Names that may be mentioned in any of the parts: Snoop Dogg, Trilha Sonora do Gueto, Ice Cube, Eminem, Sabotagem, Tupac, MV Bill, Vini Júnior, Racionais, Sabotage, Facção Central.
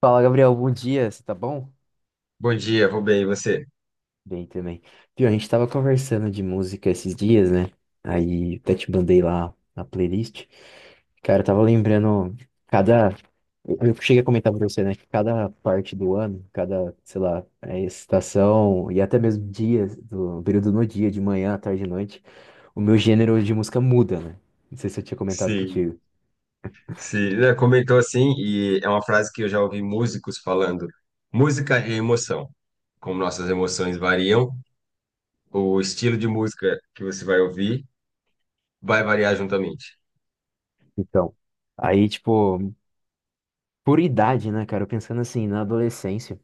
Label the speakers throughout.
Speaker 1: Fala, Gabriel, bom dia, você tá bom?
Speaker 2: Bom dia, vou bem, e você?
Speaker 1: Bem também. Viu, a gente tava conversando de música esses dias, né? Aí até te mandei lá a playlist. Cara, eu tava lembrando cada. Eu cheguei a comentar pra você, né? Que cada parte do ano, cada, sei lá, estação e até mesmo dias, do período no dia, de manhã, à tarde e noite, o meu gênero de música muda, né? Não sei se eu tinha comentado
Speaker 2: Sim,
Speaker 1: contigo.
Speaker 2: sim, né, comentou assim, e é uma frase que eu já ouvi músicos falando. Música é emoção. Como nossas emoções variam, o estilo de música que você vai ouvir vai variar juntamente.
Speaker 1: Então, aí, tipo, por idade, né, cara? Eu pensando assim, na adolescência.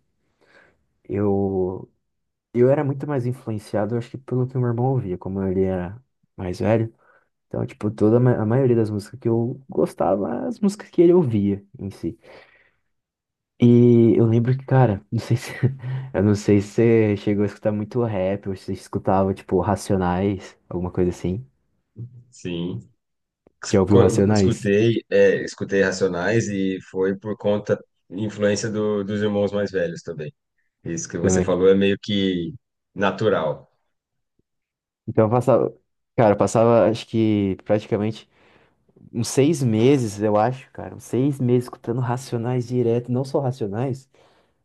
Speaker 1: Eu Eu era muito mais influenciado, eu acho que pelo que meu irmão ouvia, como ele era mais velho. Então, tipo, toda a maioria das músicas que eu gostava, eram as músicas que ele ouvia em si. E eu lembro que, cara, não sei se eu não sei se você chegou a escutar muito rap, ou se você escutava, tipo, Racionais, alguma coisa assim.
Speaker 2: Sim.
Speaker 1: Já ouviu Racionais
Speaker 2: Escutei, escutei Racionais e foi por conta, influência dos irmãos mais velhos também. Isso que você
Speaker 1: também?
Speaker 2: falou é meio que natural.
Speaker 1: Então eu passava, cara, eu passava, acho que praticamente uns seis meses, eu acho, cara, uns seis meses escutando Racionais direto, não só Racionais.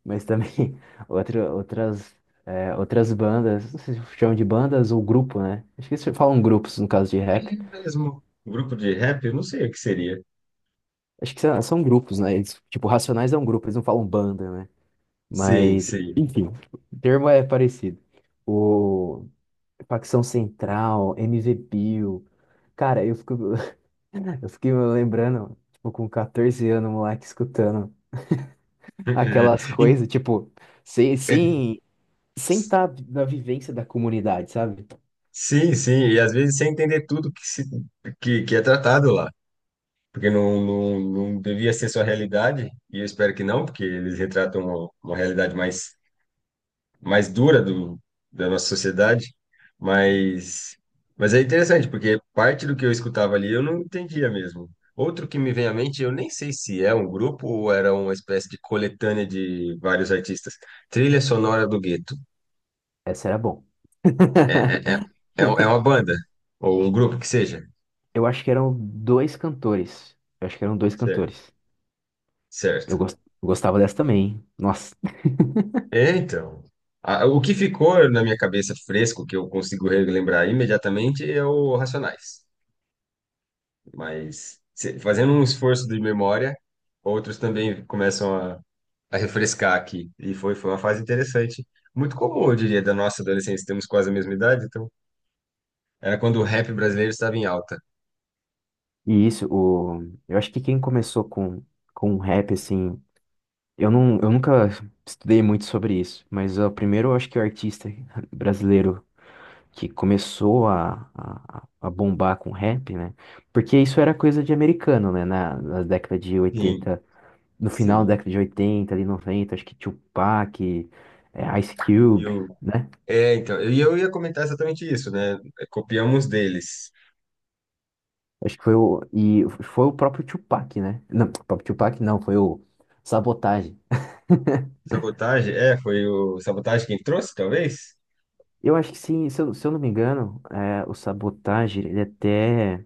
Speaker 1: Mas também outras, outras bandas, não sei se chamam de bandas ou grupo, né? Acho que eles falam grupos no caso de
Speaker 2: É
Speaker 1: rap.
Speaker 2: mesmo. Grupo de rap, eu não sei o que seria.
Speaker 1: Acho que são grupos, né? Eles, tipo, Racionais é um grupo, eles não falam banda, né?
Speaker 2: Sim,
Speaker 1: Mas,
Speaker 2: sim.
Speaker 1: enfim, o termo é parecido. O Facção Central, MV Bill. Cara, eu fico, eu fiquei me lembrando, tipo, com 14 anos, moleque, escutando aquelas
Speaker 2: E-
Speaker 1: coisas, tipo, sem,
Speaker 2: é,
Speaker 1: sem, sem estar na vivência da comunidade, sabe?
Speaker 2: sim, e às vezes sem entender tudo que, se, que é tratado lá, porque não devia ser sua realidade, e eu espero que não, porque eles retratam uma realidade mais dura da nossa sociedade, mas, mas é interessante, porque parte do que eu escutava ali eu não entendia mesmo. Outro que me vem à mente, eu nem sei se é um grupo ou era uma espécie de coletânea de vários artistas, Trilha Sonora do Gueto.
Speaker 1: Essa era bom.
Speaker 2: É, é, é, é uma banda, ou um grupo que seja.
Speaker 1: Eu acho que eram dois cantores. Eu acho que eram dois
Speaker 2: Certo.
Speaker 1: cantores.
Speaker 2: Certo.
Speaker 1: Eu gostava dessa também, hein? Nossa.
Speaker 2: É, então. O que ficou na minha cabeça fresco, que eu consigo relembrar imediatamente, é o Racionais. Mas fazendo um esforço de memória, outros também começam a refrescar aqui. E foi uma fase interessante. Muito comum, eu diria, da nossa adolescência. Temos quase a mesma idade, então era quando o rap brasileiro estava em alta.
Speaker 1: E isso, o… eu acho que quem começou com rap, assim. Eu, não, eu nunca estudei muito sobre isso, mas o primeiro eu acho que o artista brasileiro que começou a bombar com rap, né? Porque isso era coisa de americano, né? Na década de
Speaker 2: Sim,
Speaker 1: oitenta, no final da
Speaker 2: sim.
Speaker 1: década de 80, ali 90, acho que Tupac, Ice
Speaker 2: E
Speaker 1: Cube,
Speaker 2: o
Speaker 1: né?
Speaker 2: É, então, e eu ia comentar exatamente isso, né? Copiamos deles.
Speaker 1: Acho que foi o. E foi o próprio Tupac, né? Não, o próprio Tupac não, foi o Sabotage.
Speaker 2: Sabotagem, é, foi o Sabotagem quem trouxe, talvez?
Speaker 1: Eu acho que sim, se eu não me engano, o Sabotage, ele até.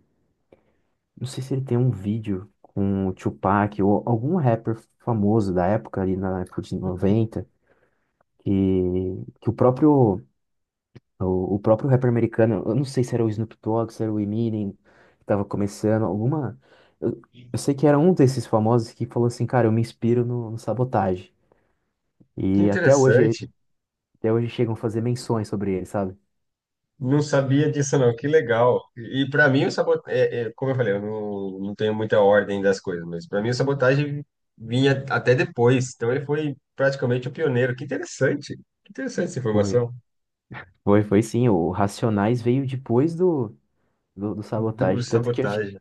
Speaker 1: Não sei se ele tem um vídeo com o Tupac ou algum rapper famoso da época, ali na época de
Speaker 2: Hum.
Speaker 1: noventa que, que o próprio. O próprio rapper americano, eu não sei se era o Snoop Dogg, se era o Eminem, que tava começando, alguma. Eu, eu sei que era um desses famosos que falou assim, cara, eu me inspiro no Sabotage.
Speaker 2: Que
Speaker 1: E
Speaker 2: interessante.
Speaker 1: até hoje chegam a fazer menções sobre ele, sabe?
Speaker 2: Não sabia disso, não. Que legal. E para mim, o sabotagem, como eu falei, eu não, não tenho muita ordem das coisas, mas para mim, o Sabotagem vinha até depois. Então, ele foi praticamente o pioneiro. Que interessante. Que interessante essa
Speaker 1: Foi,
Speaker 2: informação
Speaker 1: foi sim. O Racionais veio depois do
Speaker 2: do
Speaker 1: Sabotage. Tanto que acho que
Speaker 2: Sabotagem.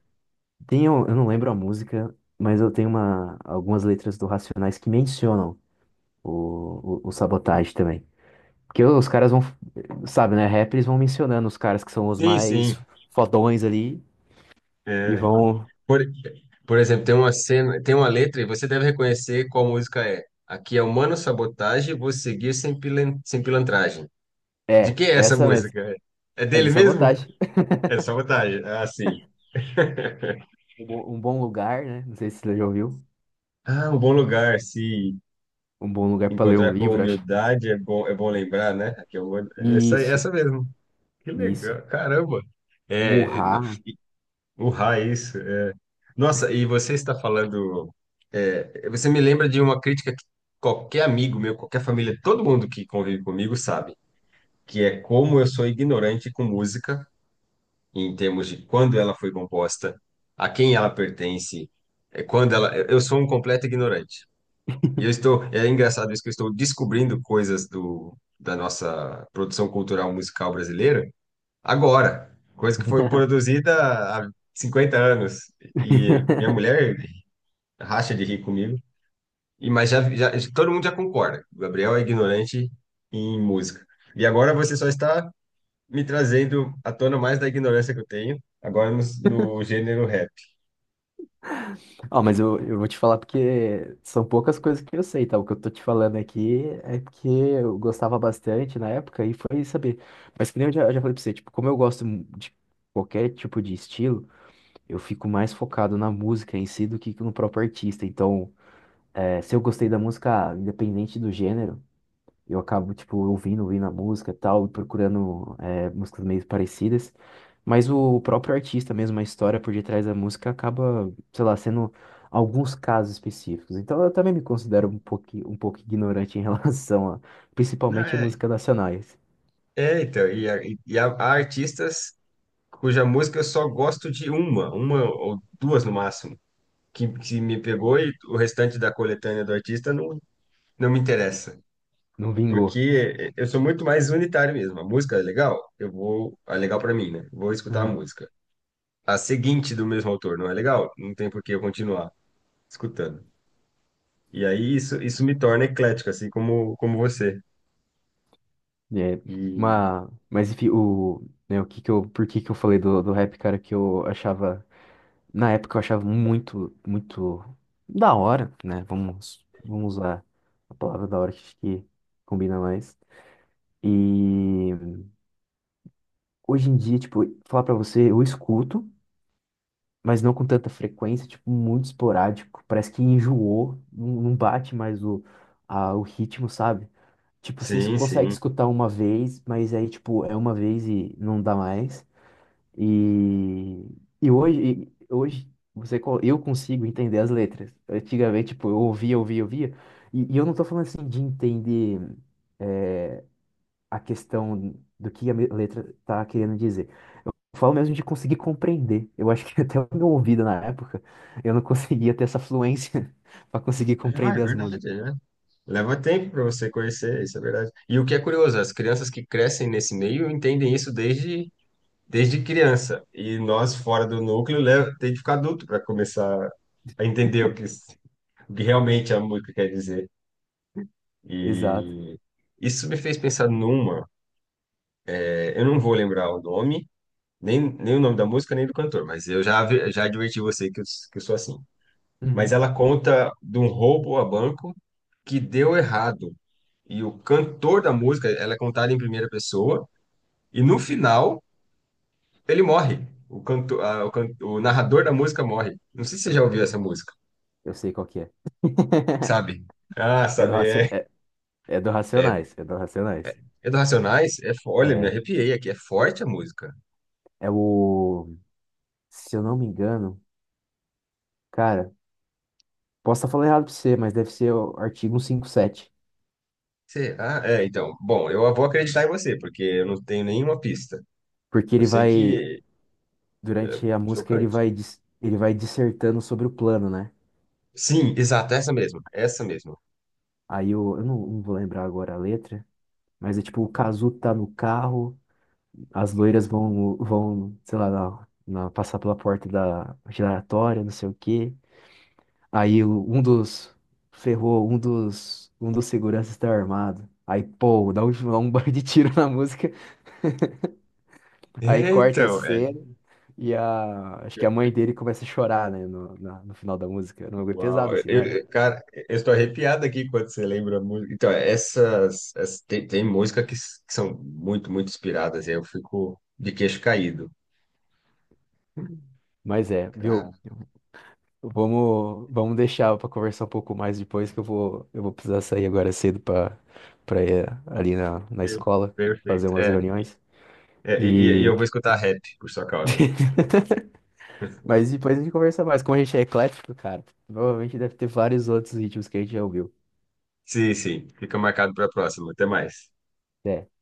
Speaker 1: tem, eu não lembro a música, mas eu tenho uma, algumas letras do Racionais que mencionam o Sabotage também. Porque os caras vão, sabe, né? Rap, eles vão mencionando os caras que são os
Speaker 2: Sim, sim.
Speaker 1: mais fodões ali e
Speaker 2: É.
Speaker 1: vão.
Speaker 2: Por, por exemplo, tem uma cena, tem uma letra e você deve reconhecer qual música é. Aqui é Humano Sabotagem, vou seguir sem pilantragem. De
Speaker 1: É,
Speaker 2: quem é essa
Speaker 1: essa mesmo.
Speaker 2: música? É
Speaker 1: É do
Speaker 2: dele mesmo?
Speaker 1: Sabotage.
Speaker 2: É Sabotagem. Ah, sim.
Speaker 1: Um bom lugar, né? Não sei se você já ouviu.
Speaker 2: Ah, um bom lugar, se
Speaker 1: Um bom lugar pra ler um
Speaker 2: encontrar com
Speaker 1: livro, acho.
Speaker 2: humildade é bom lembrar, né? Aqui é o, essa,
Speaker 1: Isso,
Speaker 2: essa mesmo. Que
Speaker 1: Isso.
Speaker 2: legal, caramba. É, n-
Speaker 1: Burrar.
Speaker 2: o raiz. Nossa, e você está falando. É, você me lembra de uma crítica que qualquer amigo meu, qualquer família, todo mundo que convive comigo sabe, que é como eu sou ignorante com música, em termos de quando ela foi composta, a quem ela pertence, quando ela. Eu sou um completo ignorante. E eu estou. É engraçado isso que eu estou descobrindo coisas da nossa produção cultural musical brasileira agora, coisa que foi produzida há 50 anos. E minha mulher racha de rir comigo. E, todo mundo já concorda. O Gabriel é ignorante em música. E agora você só está me trazendo à tona mais da ignorância que eu tenho, agora no gênero rap.
Speaker 1: Ó, mas eu vou te falar porque são poucas coisas que eu sei, tá? O que eu tô te falando aqui é porque eu gostava bastante na época e foi saber. Mas que nem eu já falei pra você, tipo, como eu gosto de qualquer tipo de estilo, eu fico mais focado na música em si do que no próprio artista. Então, se eu gostei da música, ah, independente do gênero, eu acabo, tipo, ouvindo a música e tal, e procurando músicas meio parecidas. Mas o próprio artista mesmo, a história por detrás da música acaba, sei lá, sendo alguns casos específicos. Então eu também me considero um pouco ignorante em relação a,
Speaker 2: Não,
Speaker 1: principalmente a
Speaker 2: É,
Speaker 1: músicas nacionais.
Speaker 2: é, então, e, a- e e Há, há artistas cuja música eu só gosto de uma ou duas no máximo, que me pegou e o restante da coletânea do artista não me interessa.
Speaker 1: Não vingou.
Speaker 2: Porque eu sou muito mais unitário mesmo. A música é legal, eu vou, é legal para mim, né? Vou escutar a
Speaker 1: Uhum.
Speaker 2: música. A seguinte do mesmo autor, não é legal? Não tem por que eu continuar escutando. E aí isso me torna eclético, assim como você.
Speaker 1: É,
Speaker 2: E
Speaker 1: mas enfim, o, né, o que que eu, por que que eu falei do rap, cara, que eu achava. Na época eu achava muito, muito da hora, né? Vamos, vamos usar a palavra da hora, que acho que combina mais. E hoje em dia, tipo, falar pra você, eu escuto, mas não com tanta frequência, tipo, muito esporádico. Parece que enjoou, não não bate mais o, a, o ritmo, sabe? Tipo, vocês
Speaker 2: sim,
Speaker 1: conseguem
Speaker 2: sim.
Speaker 1: escutar uma vez, mas aí, tipo, é uma vez e não dá mais. E, e hoje você, eu consigo entender as letras. Antigamente, tipo, eu ouvia, ouvia, ouvia. E eu não tô falando assim de entender eh, a questão do que a letra tá querendo dizer. Eu falo mesmo de conseguir compreender. Eu acho que até o meu ouvido na época, eu não conseguia ter essa fluência para conseguir
Speaker 2: Ah, é
Speaker 1: compreender as
Speaker 2: verdade,
Speaker 1: músicas.
Speaker 2: né? Leva tempo para você conhecer, isso é verdade. E o que é curioso, as crianças que crescem nesse meio entendem isso desde, desde criança. E nós, fora do núcleo, leva, tem que ficar adulto para começar a entender o que realmente a música quer dizer.
Speaker 1: Exato.
Speaker 2: E isso me fez pensar numa, é, eu não vou lembrar o nome, nem o nome da música, nem do cantor, mas eu já adverti você que que eu sou assim. Mas
Speaker 1: Uhum.
Speaker 2: ela conta de um roubo a banco que deu errado. E o cantor da música, ela é contada em primeira pessoa, e no final ele morre. O, canto, a- o, can- o narrador da música morre. Não sei se você já ouviu essa música,
Speaker 1: Eu sei qual que é.
Speaker 2: sabe? Ah,
Speaker 1: É do,
Speaker 2: sabe,
Speaker 1: Raci-
Speaker 2: é.
Speaker 1: é, é do
Speaker 2: É,
Speaker 1: Racionais. É do Racionais.
Speaker 2: é do Racionais, é, olha, me
Speaker 1: É.
Speaker 2: arrepiei aqui, é forte a música.
Speaker 1: É o. Se eu não me engano, cara. Posso estar falando errado pra você, mas deve ser o artigo 157.
Speaker 2: Será? É, então, bom, eu vou acreditar em você, porque eu não tenho nenhuma pista.
Speaker 1: Porque
Speaker 2: Eu
Speaker 1: ele
Speaker 2: sei
Speaker 1: vai,
Speaker 2: que é
Speaker 1: durante a música, ele
Speaker 2: chocante.
Speaker 1: vai, ele vai dissertando sobre o plano, né?
Speaker 2: Sim, exato, essa mesmo, essa mesmo.
Speaker 1: Aí eu não, não vou lembrar agora a letra, mas é tipo, o Cazu tá no carro, as loiras vão, sei lá, passar pela porta da giratória, não sei o quê. Aí um dos, ferrou, um dos seguranças tá armado. Aí, pô, dá um, um bar de tiro na música, aí
Speaker 2: É,
Speaker 1: corta a
Speaker 2: então, é.
Speaker 1: cena. E a, acho que a mãe dele começa a chorar, né, no final da música. Era um bagulho
Speaker 2: Uau,
Speaker 1: pesado, assim, não era?
Speaker 2: cara, eu estou arrepiado aqui quando você lembra a música. Então, tem música que são muito, muito inspiradas, e aí eu fico de queixo caído.
Speaker 1: Mas é,
Speaker 2: Cara,
Speaker 1: viu? Vamos, vamos deixar pra conversar um pouco mais depois, que eu vou precisar sair agora cedo pra, pra ir ali na, na
Speaker 2: per-
Speaker 1: escola fazer
Speaker 2: perfeito.
Speaker 1: umas reuniões.
Speaker 2: É, e, eu
Speaker 1: E.
Speaker 2: vou escutar rap por sua causa.
Speaker 1: Mas depois a gente conversa mais. Como a gente é eclético, cara, provavelmente deve ter vários outros ritmos que a gente já ouviu.
Speaker 2: Sim, sim, fica marcado para a próxima. Até mais.
Speaker 1: Até.